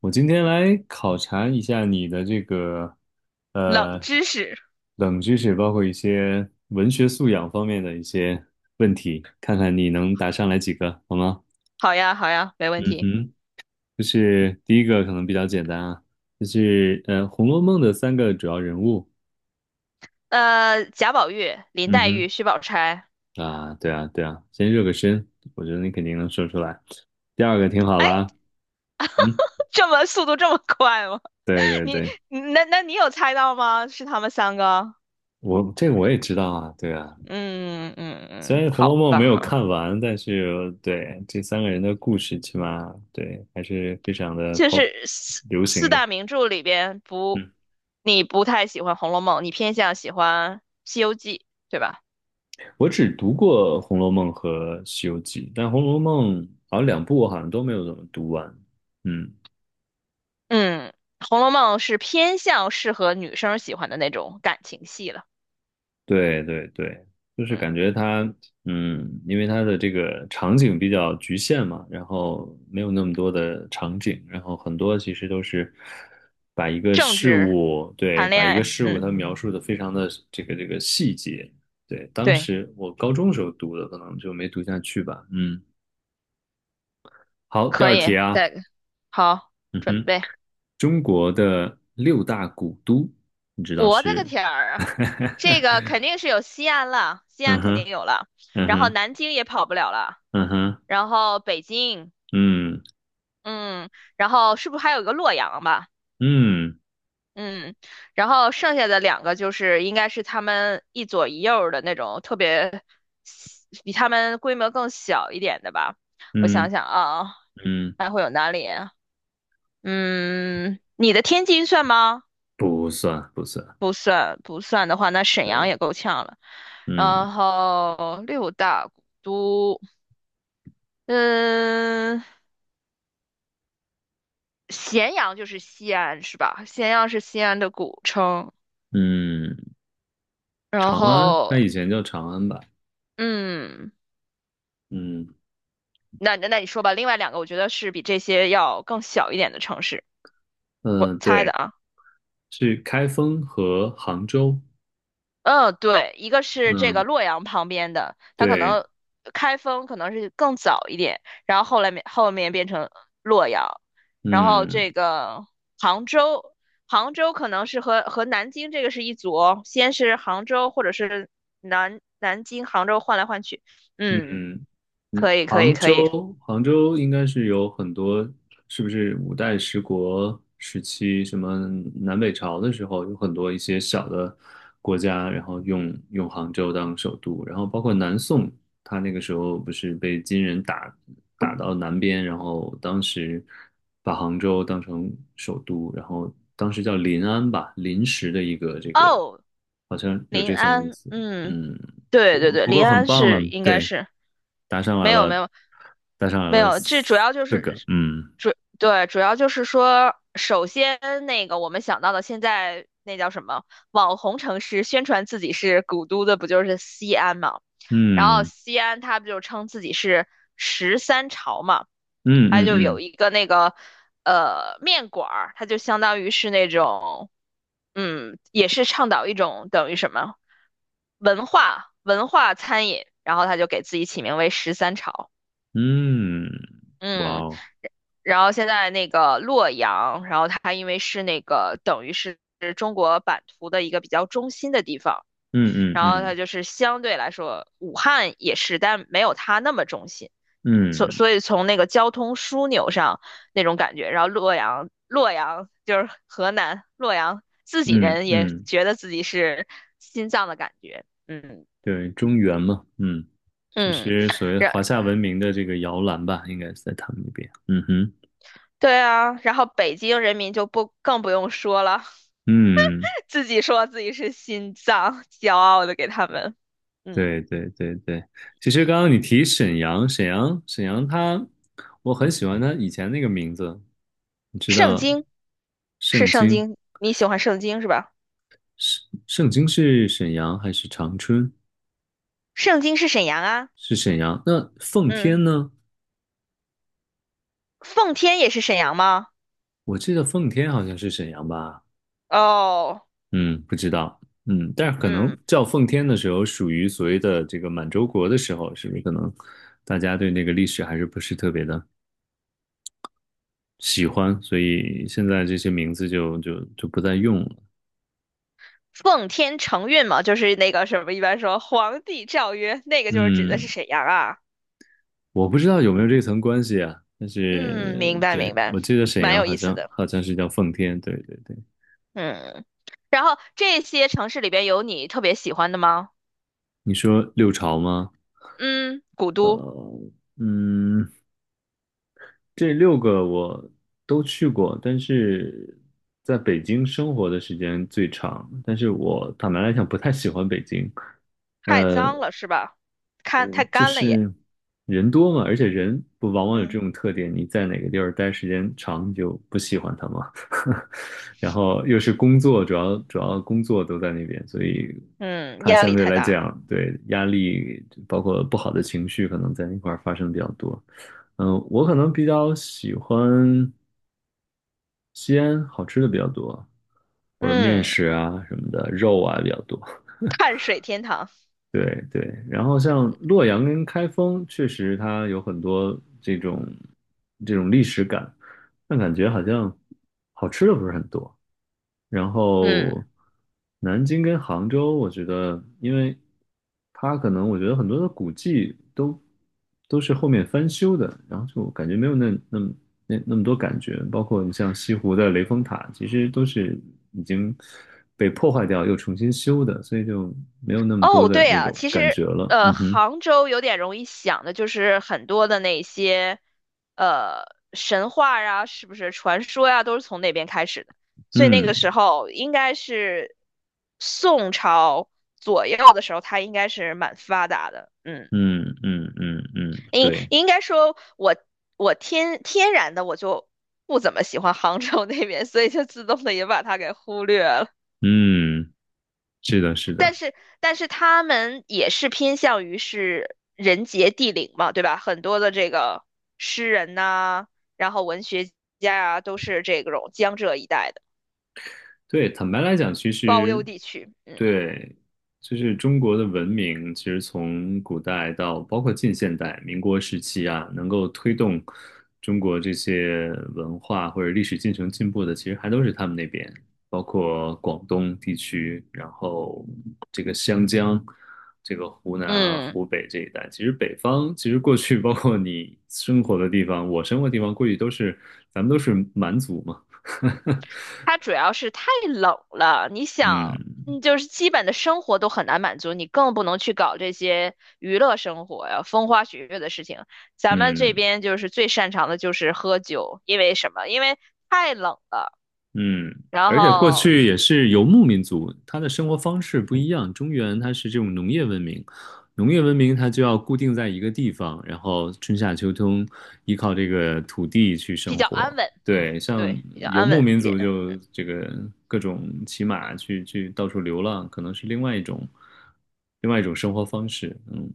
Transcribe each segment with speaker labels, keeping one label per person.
Speaker 1: 我今天来考察一下你的这个
Speaker 2: 冷
Speaker 1: 呃
Speaker 2: 知识，
Speaker 1: 冷知识，包括一些文学素养方面的一些，看看你能答上来几个，好吗？
Speaker 2: 好呀，好呀，没问
Speaker 1: 嗯
Speaker 2: 题。
Speaker 1: 哼，就是第一个可能比较简单啊，就是《红楼梦》的三个主要人物。
Speaker 2: 贾宝玉、林黛
Speaker 1: 嗯
Speaker 2: 玉、薛宝钗，
Speaker 1: 哼，啊，对啊，对啊，先热个身，我觉得你肯定能说出来。第二个听好
Speaker 2: 哎，
Speaker 1: 了啊嗯，
Speaker 2: 这么速度这么快吗？
Speaker 1: 对 对
Speaker 2: 你，
Speaker 1: 对，
Speaker 2: 那你有猜到吗？是他们三个？
Speaker 1: 我这个我也知道啊，对啊，
Speaker 2: 嗯嗯
Speaker 1: 虽
Speaker 2: 嗯，
Speaker 1: 然《红楼
Speaker 2: 好
Speaker 1: 梦》
Speaker 2: 吧，
Speaker 1: 没有看完，但是对这三个人的故事，起码对还是非常的
Speaker 2: 就
Speaker 1: pop
Speaker 2: 是四
Speaker 1: 流
Speaker 2: 四
Speaker 1: 行的。
Speaker 2: 大名著里边不，
Speaker 1: 嗯，
Speaker 2: 你不太喜欢《红楼梦》，你偏向喜欢《西游记》，对吧？
Speaker 1: 我只读过《红楼梦》和《西游记》，但《红楼梦》好像两部我好像都没有怎么读完。嗯
Speaker 2: 嗯，《红楼梦》是偏向适合女生喜欢的那种感情戏了。
Speaker 1: 对对对，就是
Speaker 2: 嗯，
Speaker 1: 感觉它，嗯，因为它的这个场景比较局限嘛，然后没有那么多的场景，然后很多其实都是把一个
Speaker 2: 政
Speaker 1: 事
Speaker 2: 治、
Speaker 1: 物，对，
Speaker 2: 谈恋
Speaker 1: 把一个
Speaker 2: 爱，
Speaker 1: 事物
Speaker 2: 嗯，
Speaker 1: 它描述的非常的这个细节。对，当
Speaker 2: 对。
Speaker 1: 时我高中时候读的，可能就没读下去吧。嗯，好，第
Speaker 2: 可
Speaker 1: 二
Speaker 2: 以，
Speaker 1: 题啊，
Speaker 2: 再个好，
Speaker 1: 嗯
Speaker 2: 准
Speaker 1: 哼，
Speaker 2: 备。
Speaker 1: 中国的六大古都，你知道
Speaker 2: 我的个
Speaker 1: 是？
Speaker 2: 天儿啊！这个 肯定是有西安了，西安
Speaker 1: 嗯
Speaker 2: 肯定
Speaker 1: 哼，
Speaker 2: 有了，
Speaker 1: 嗯
Speaker 2: 然后
Speaker 1: 哼，
Speaker 2: 南京也跑不了了，
Speaker 1: 嗯哼，
Speaker 2: 然后北京，
Speaker 1: 嗯。
Speaker 2: 嗯，然后是不是还有一个洛阳吧？
Speaker 1: 嗯
Speaker 2: 嗯，然后剩下的两个就是应该是他们一左一右儿的那种特别比他们规模更小一点的吧。我
Speaker 1: 嗯
Speaker 2: 想想啊，
Speaker 1: 嗯，
Speaker 2: 还会有哪里啊？嗯，你的天津算吗？
Speaker 1: 不算不算，
Speaker 2: 不算不算的话，那沈阳
Speaker 1: 对，
Speaker 2: 也够呛了。
Speaker 1: 嗯
Speaker 2: 然后六大古都，嗯，咸阳就是西安是吧？咸阳是西安的古称。
Speaker 1: 嗯，
Speaker 2: 然
Speaker 1: 长安，
Speaker 2: 后，
Speaker 1: 它以前叫长安吧？
Speaker 2: 嗯，
Speaker 1: 嗯
Speaker 2: 那你说吧，另外两个我觉得是比这些要更小一点的城市，我
Speaker 1: 嗯，
Speaker 2: 猜的
Speaker 1: 对，
Speaker 2: 啊。
Speaker 1: 是开封和杭州。
Speaker 2: 嗯，对，一个是这个
Speaker 1: 嗯，
Speaker 2: 洛阳旁边的，它可
Speaker 1: 对，
Speaker 2: 能开封可能是更早一点，然后后来后面变成洛阳，然后
Speaker 1: 嗯。
Speaker 2: 这个杭州，杭州可能是和南京这个是一组哦，先是杭州或者是南京、杭州换来换去，嗯，
Speaker 1: 嗯嗯，
Speaker 2: 可以可以
Speaker 1: 杭
Speaker 2: 可以，
Speaker 1: 州，杭州应该是有很多，是不是五代十国时期，什么南北朝的时候，有很多一些小的国家，然后用杭州当首都，然后包括南宋，他那个时候不是被金人打到南边，然后当时把杭州当成首都，然后当时叫临安吧，临时的一个这个，
Speaker 2: 哦，
Speaker 1: 好像有
Speaker 2: 临
Speaker 1: 这层意
Speaker 2: 安，
Speaker 1: 思，
Speaker 2: 嗯。
Speaker 1: 嗯。
Speaker 2: 对对
Speaker 1: 不
Speaker 2: 对，
Speaker 1: 不过
Speaker 2: 临
Speaker 1: 很
Speaker 2: 安
Speaker 1: 棒了，
Speaker 2: 是应该
Speaker 1: 对，
Speaker 2: 是
Speaker 1: 答上来
Speaker 2: 没有没
Speaker 1: 了，
Speaker 2: 有
Speaker 1: 答上来
Speaker 2: 没
Speaker 1: 了
Speaker 2: 有，这主
Speaker 1: 四
Speaker 2: 要就是
Speaker 1: 个，嗯
Speaker 2: 主要就是说，首先那个我们想到的现在那叫什么网红城市，宣传自己是古都的，不就是西安吗？然后
Speaker 1: 嗯
Speaker 2: 西安他不就称自己是十三朝嘛，
Speaker 1: 嗯
Speaker 2: 他
Speaker 1: 嗯
Speaker 2: 就有
Speaker 1: 嗯
Speaker 2: 一个那个面馆儿，它就相当于是那种嗯，也是倡导一种等于什么文化餐饮，然后他就给自己起名为十三朝，
Speaker 1: 嗯，哇
Speaker 2: 嗯。
Speaker 1: 哦，
Speaker 2: 然后现在那个洛阳，然后它因为是那个等于是中国版图的一个比较中心的地方，
Speaker 1: 嗯嗯
Speaker 2: 然后它
Speaker 1: 嗯
Speaker 2: 就是相对来说，武汉也是，但没有它那么中心。所
Speaker 1: 嗯
Speaker 2: 所以从那个交通枢纽上那种感觉，然后洛阳，洛阳就是河南洛阳，自己
Speaker 1: 嗯
Speaker 2: 人也
Speaker 1: 嗯，
Speaker 2: 觉得自己是心脏的感觉，嗯
Speaker 1: 对，中原嘛，嗯，这
Speaker 2: 嗯，
Speaker 1: 是所谓
Speaker 2: 然
Speaker 1: 华夏文明的这个摇篮吧，应该是在他们那边，嗯哼，
Speaker 2: 对啊，然后北京人民就不更不用说了，
Speaker 1: 嗯，
Speaker 2: 自己说自己是心脏，骄傲的给他们，嗯，
Speaker 1: 对对对对，其实刚刚你提沈阳，沈阳它，我很喜欢它以前那个名字，你知
Speaker 2: 圣
Speaker 1: 道，
Speaker 2: 经是
Speaker 1: 圣
Speaker 2: 圣
Speaker 1: 经。
Speaker 2: 经，你喜欢圣经是吧？
Speaker 1: 盛京是沈阳还是长春？
Speaker 2: 圣经是沈阳啊，
Speaker 1: 是沈阳。那奉
Speaker 2: 嗯。
Speaker 1: 天呢？
Speaker 2: 奉天也是沈阳吗？
Speaker 1: 我记得奉天好像是沈阳吧？
Speaker 2: 哦，
Speaker 1: 嗯，不知道。嗯，但是可能
Speaker 2: 嗯，
Speaker 1: 叫奉天的时候，属于所谓的这个满洲国的时候，是不是可能大家对那个历史还是不是特别的喜欢，所以现在这些名字就不再用了。
Speaker 2: 奉天承运嘛，就是那个什么，一般说皇帝诏曰，那个就是指的是
Speaker 1: 嗯，
Speaker 2: 沈阳啊。
Speaker 1: 我不知道有没有这层关系啊，但
Speaker 2: 嗯，
Speaker 1: 是
Speaker 2: 明白明
Speaker 1: 对，
Speaker 2: 白，
Speaker 1: 我记得沈
Speaker 2: 蛮
Speaker 1: 阳
Speaker 2: 有
Speaker 1: 好
Speaker 2: 意思
Speaker 1: 像
Speaker 2: 的。
Speaker 1: 好像是叫奉天，对对对。
Speaker 2: 嗯，然后这些城市里边有你特别喜欢的吗？
Speaker 1: 你说六朝吗？
Speaker 2: 嗯，古都
Speaker 1: 呃，嗯，这六个我都去过，但是在北京生活的时间最长。但是我坦白来讲，不太喜欢北京。
Speaker 2: 太
Speaker 1: 呃，
Speaker 2: 脏了是吧？看太
Speaker 1: 就
Speaker 2: 干了也。
Speaker 1: 是人多嘛，而且人不往往有这
Speaker 2: 嗯
Speaker 1: 种特点，你在哪个地儿待时间长，你就不喜欢他嘛。然后又是工作，主要工作都在那边，所以
Speaker 2: 嗯，
Speaker 1: 他
Speaker 2: 压
Speaker 1: 相
Speaker 2: 力
Speaker 1: 对
Speaker 2: 太
Speaker 1: 来
Speaker 2: 大了。
Speaker 1: 讲，对压力包括不好的情绪，可能在那块儿发生比较多。嗯，我可能比较喜欢西安，好吃的比较多，或者面
Speaker 2: 嗯，
Speaker 1: 食啊什么的，肉啊比较多。
Speaker 2: 碳水天堂。
Speaker 1: 对对，然后像洛阳跟开封，确实它有很多这种历史感，但感觉好像好吃的不是很多。然
Speaker 2: 嗯。
Speaker 1: 后南京跟杭州，我觉得，因为它可能我觉得很多的古迹都是后面翻修的，然后就感觉没有那么多感觉。包括你像西湖的雷峰塔，其实都是已经被破坏掉又重新修的，所以就没有那么多
Speaker 2: 哦，
Speaker 1: 的
Speaker 2: 对
Speaker 1: 那
Speaker 2: 啊，
Speaker 1: 种
Speaker 2: 其
Speaker 1: 感
Speaker 2: 实
Speaker 1: 觉了。嗯哼，
Speaker 2: 杭州有点容易想的就是很多的那些呃神话呀，是不是传说呀，都是从那边开始的。所以那个
Speaker 1: 嗯
Speaker 2: 时候应该是宋朝左右的时候，它应该是蛮发达的。嗯，
Speaker 1: 嗯嗯嗯嗯，
Speaker 2: 应
Speaker 1: 对，
Speaker 2: 应该说我天然的我就不怎么喜欢杭州那边，所以就自动的也把它给忽略了。
Speaker 1: 嗯，是的，是
Speaker 2: 但
Speaker 1: 的。
Speaker 2: 是但是他们也是偏向于是人杰地灵嘛，对吧？很多的这个诗人呐、然后文学家啊，都是这种江浙一带的
Speaker 1: 对，坦白来讲，其
Speaker 2: 包邮
Speaker 1: 实
Speaker 2: 地区。嗯
Speaker 1: 对，就是中国的文明，其实从古代到包括近现代、民国时期啊，能够推动中国这些文化或者历史进程进步的，其实还都是他们那边，包括广东地区，然后这个湘江、这个湖南啊、
Speaker 2: 嗯，
Speaker 1: 湖北这一带。其实北方，其实过去 包括你生活的地方，我生活的地方，过去都是咱们都是蛮族嘛，
Speaker 2: 它主要是太冷了，你想。
Speaker 1: 嗯。
Speaker 2: 嗯，就是基本的生活都很难满足，你更不能去搞这些娱乐生活呀、风花雪月的事情。咱们这
Speaker 1: 嗯
Speaker 2: 边就是最擅长的就是喝酒，因为什么？因为太冷了，
Speaker 1: 嗯，
Speaker 2: 然
Speaker 1: 而且过
Speaker 2: 后
Speaker 1: 去也是游牧民族，他的生活方式不一样。中原它是这种农业文明，农业文明它就要固定在一个地方，然后春夏秋冬依靠这个土地去
Speaker 2: 比
Speaker 1: 生
Speaker 2: 较安
Speaker 1: 活。
Speaker 2: 稳，
Speaker 1: 对，像
Speaker 2: 对，比较
Speaker 1: 游
Speaker 2: 安
Speaker 1: 牧
Speaker 2: 稳
Speaker 1: 民
Speaker 2: 一点。
Speaker 1: 族就这个各种骑马去到处流浪，可能是另外一种生活方式。嗯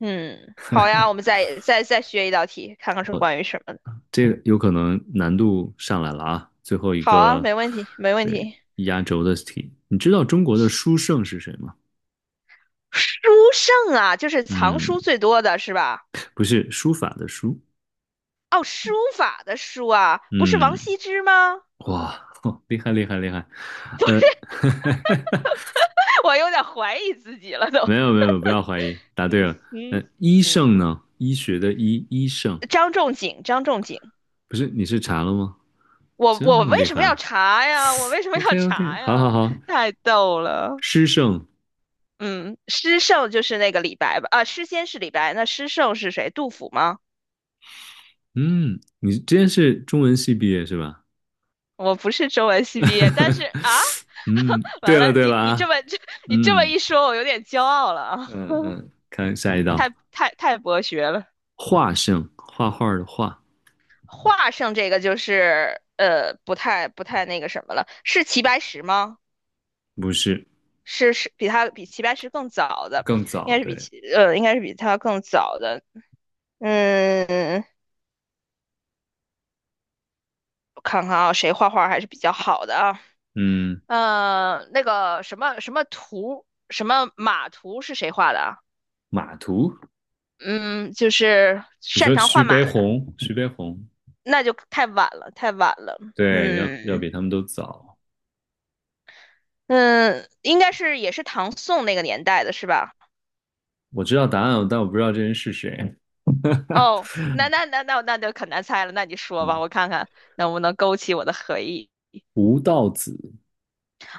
Speaker 2: 嗯，好呀，我们再学一道题，看看是关于什么的。
Speaker 1: 这个有可能难度上来了啊！最后一
Speaker 2: 好啊，
Speaker 1: 个，
Speaker 2: 没问题，没问
Speaker 1: 对，
Speaker 2: 题。
Speaker 1: 压轴的题，你知道中国的书圣是谁吗？
Speaker 2: 书圣啊，就是藏
Speaker 1: 嗯，
Speaker 2: 书最多的是吧？
Speaker 1: 不是书法的书，
Speaker 2: 哦，书法的书啊，不是
Speaker 1: 嗯，
Speaker 2: 王羲之吗？
Speaker 1: 哇，哦厉害厉害厉害，呃，
Speaker 2: 我有点怀疑自己了都。
Speaker 1: 没有没有，不要怀疑，答对
Speaker 2: 嗯
Speaker 1: 了。
Speaker 2: 嗯
Speaker 1: 医圣
Speaker 2: 嗯，
Speaker 1: 呢？医学的医，医圣
Speaker 2: 张仲景，张仲景，
Speaker 1: 不是？你是查了吗？
Speaker 2: 我
Speaker 1: 这
Speaker 2: 我
Speaker 1: 么
Speaker 2: 为
Speaker 1: 厉
Speaker 2: 什么
Speaker 1: 害
Speaker 2: 要查呀？我为什么
Speaker 1: ？OK
Speaker 2: 要
Speaker 1: OK，
Speaker 2: 查
Speaker 1: 好
Speaker 2: 呀？
Speaker 1: 好好，
Speaker 2: 太逗了。
Speaker 1: 诗圣，
Speaker 2: 嗯，诗圣就是那个李白吧？啊，诗仙是李白，那诗圣是谁？杜甫吗？
Speaker 1: 嗯，你之前是中文系毕业是吧？
Speaker 2: 我不是中文系毕业，但是啊，
Speaker 1: 嗯，
Speaker 2: 完
Speaker 1: 对了
Speaker 2: 了，
Speaker 1: 对
Speaker 2: 你
Speaker 1: 了
Speaker 2: 你这
Speaker 1: 啊，
Speaker 2: 么这 你这么
Speaker 1: 嗯
Speaker 2: 一说，我有点骄傲了啊，
Speaker 1: 嗯嗯，看下一道，
Speaker 2: 太太太博学了。
Speaker 1: 画圣，画画的画，
Speaker 2: 画上这个就是不太那个什么了，是齐白石吗？
Speaker 1: 不是，
Speaker 2: 是比齐白石更早的，
Speaker 1: 更
Speaker 2: 应
Speaker 1: 早，
Speaker 2: 该是
Speaker 1: 对，
Speaker 2: 比他更早的。嗯，我看看啊，谁画画还是比较好的啊？
Speaker 1: 嗯，
Speaker 2: 那个什么什么图什么马图是谁画的啊？
Speaker 1: 马图，
Speaker 2: 嗯，就是
Speaker 1: 你
Speaker 2: 擅
Speaker 1: 说
Speaker 2: 长
Speaker 1: 徐
Speaker 2: 换
Speaker 1: 悲
Speaker 2: 马的，
Speaker 1: 鸿，徐悲鸿，
Speaker 2: 那就太晚了，太晚了。
Speaker 1: 对，要
Speaker 2: 嗯
Speaker 1: 比他们都早，
Speaker 2: 嗯，应该是也是唐宋那个年代的是吧？
Speaker 1: 我知道答案，但我不知道这人是谁，
Speaker 2: 哦，那就可难猜了，那你说吧，
Speaker 1: 嗯，
Speaker 2: 我看看能不能勾起我的回忆。
Speaker 1: 吴道子，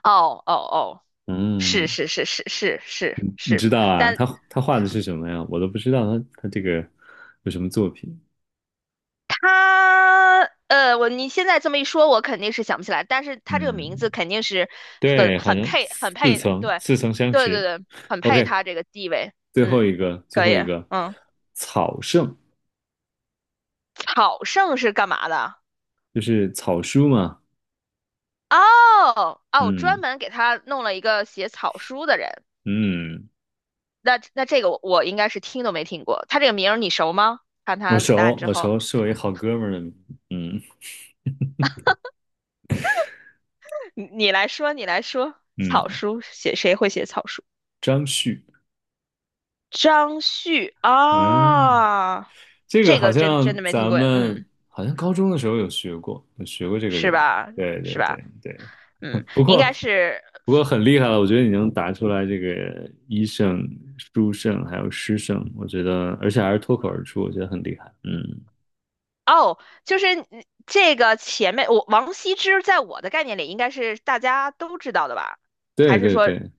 Speaker 2: 哦哦哦，是
Speaker 1: 嗯，
Speaker 2: 是是是是是
Speaker 1: 你
Speaker 2: 是，
Speaker 1: 知道啊，
Speaker 2: 但
Speaker 1: 他他画的是什么呀？我都不知道他这个有什么作品，
Speaker 2: 他你现在这么一说，我肯定是想不起来，但是他这个名字
Speaker 1: 嗯，
Speaker 2: 肯定是很
Speaker 1: 对，好
Speaker 2: 很
Speaker 1: 像
Speaker 2: 配，很
Speaker 1: 似
Speaker 2: 配，
Speaker 1: 曾
Speaker 2: 对，
Speaker 1: 似曾相
Speaker 2: 对对
Speaker 1: 识。
Speaker 2: 对，很配
Speaker 1: OK，
Speaker 2: 他这个地位。
Speaker 1: 最后
Speaker 2: 嗯，
Speaker 1: 一个，最
Speaker 2: 可
Speaker 1: 后
Speaker 2: 以，
Speaker 1: 一个，
Speaker 2: 嗯，
Speaker 1: 草圣
Speaker 2: 草圣是干嘛的？
Speaker 1: 就是草书嘛。
Speaker 2: 哦哦，专
Speaker 1: 嗯
Speaker 2: 门给他弄了一个写草书的人。
Speaker 1: 嗯，
Speaker 2: 那这个我应该是听都没听过，他这个名儿你熟吗？看
Speaker 1: 我
Speaker 2: 他答案
Speaker 1: 熟，
Speaker 2: 之
Speaker 1: 我
Speaker 2: 后，
Speaker 1: 熟，是我一好哥们儿的名字。嗯
Speaker 2: 你来说，你来说，草
Speaker 1: 嗯，
Speaker 2: 书写谁会写草书？
Speaker 1: 张旭。
Speaker 2: 张旭
Speaker 1: 嗯，
Speaker 2: 啊，
Speaker 1: 这个
Speaker 2: 这
Speaker 1: 好
Speaker 2: 个真真
Speaker 1: 像
Speaker 2: 的没听
Speaker 1: 咱
Speaker 2: 过，
Speaker 1: 们
Speaker 2: 嗯，
Speaker 1: 好像高中的时候有学过，有学过这个
Speaker 2: 是
Speaker 1: 人。
Speaker 2: 吧？
Speaker 1: 对
Speaker 2: 是
Speaker 1: 对
Speaker 2: 吧？
Speaker 1: 对对，
Speaker 2: 嗯，
Speaker 1: 不
Speaker 2: 应该
Speaker 1: 过。
Speaker 2: 是
Speaker 1: 不过很厉害了，我觉得你能答出来这个医圣、书圣还有诗圣，我觉得，而且还是脱口而出，我觉得很厉害。嗯，
Speaker 2: 哦，就是这个前面王羲之在我的概念里应该是大家都知道的吧？
Speaker 1: 对
Speaker 2: 还是
Speaker 1: 对
Speaker 2: 说
Speaker 1: 对，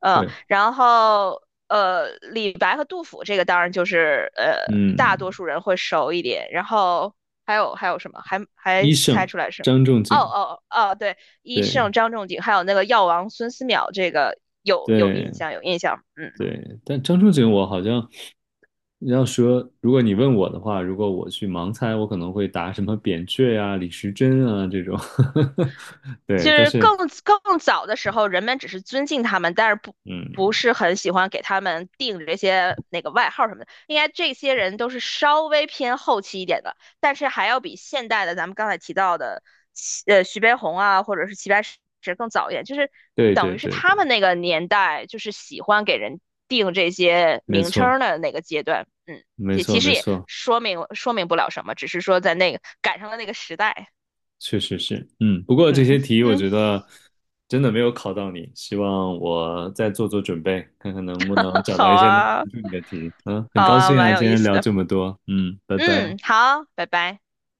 Speaker 1: 会，
Speaker 2: 然后李白和杜甫这个当然就是大多
Speaker 1: 嗯，
Speaker 2: 数人会熟一点。然后还有什么？还
Speaker 1: 医
Speaker 2: 还猜
Speaker 1: 圣
Speaker 2: 出来是吗？
Speaker 1: 张仲
Speaker 2: 哦
Speaker 1: 景，
Speaker 2: 哦哦，哦对，医圣
Speaker 1: 对
Speaker 2: 张仲景，还有那个药王孙思邈，这个有
Speaker 1: 对
Speaker 2: 印象有印象。嗯。
Speaker 1: 对，但张仲景我好像你要说，如果你问我的话，如果我去盲猜，我可能会答什么扁鹊呀、李时珍啊这种，对，
Speaker 2: 就
Speaker 1: 但
Speaker 2: 是
Speaker 1: 是
Speaker 2: 更早的时候，人们只是尊敬他们，但是不
Speaker 1: 嗯，
Speaker 2: 是很喜欢给他们定这些那个外号什么的。应该这些人都是稍微偏后期一点的，但是还要比现代的咱们刚才提到的，徐悲鸿啊，或者是齐白石更早一点，就是
Speaker 1: 对
Speaker 2: 等
Speaker 1: 对
Speaker 2: 于是
Speaker 1: 对
Speaker 2: 他
Speaker 1: 对，
Speaker 2: 们那个年代就是喜欢给人定这些
Speaker 1: 没
Speaker 2: 名
Speaker 1: 错
Speaker 2: 称的那个阶段。嗯，
Speaker 1: 没
Speaker 2: 也
Speaker 1: 错
Speaker 2: 其实
Speaker 1: 没
Speaker 2: 也
Speaker 1: 错，
Speaker 2: 说明不了什么，只是说在那个赶上了那个时代。
Speaker 1: 确实是，嗯，不过这
Speaker 2: 嗯
Speaker 1: 些题我
Speaker 2: 嗯，
Speaker 1: 觉得真的没有考到你，希望我再做做准备，看看能不能 找到
Speaker 2: 好
Speaker 1: 一些能
Speaker 2: 啊。
Speaker 1: 难住你的题。嗯，很
Speaker 2: 好
Speaker 1: 高
Speaker 2: 啊，
Speaker 1: 兴
Speaker 2: 蛮
Speaker 1: 啊，
Speaker 2: 有
Speaker 1: 今
Speaker 2: 意
Speaker 1: 天
Speaker 2: 思
Speaker 1: 聊
Speaker 2: 的。
Speaker 1: 这么多，嗯，拜拜。
Speaker 2: 嗯，好，拜拜。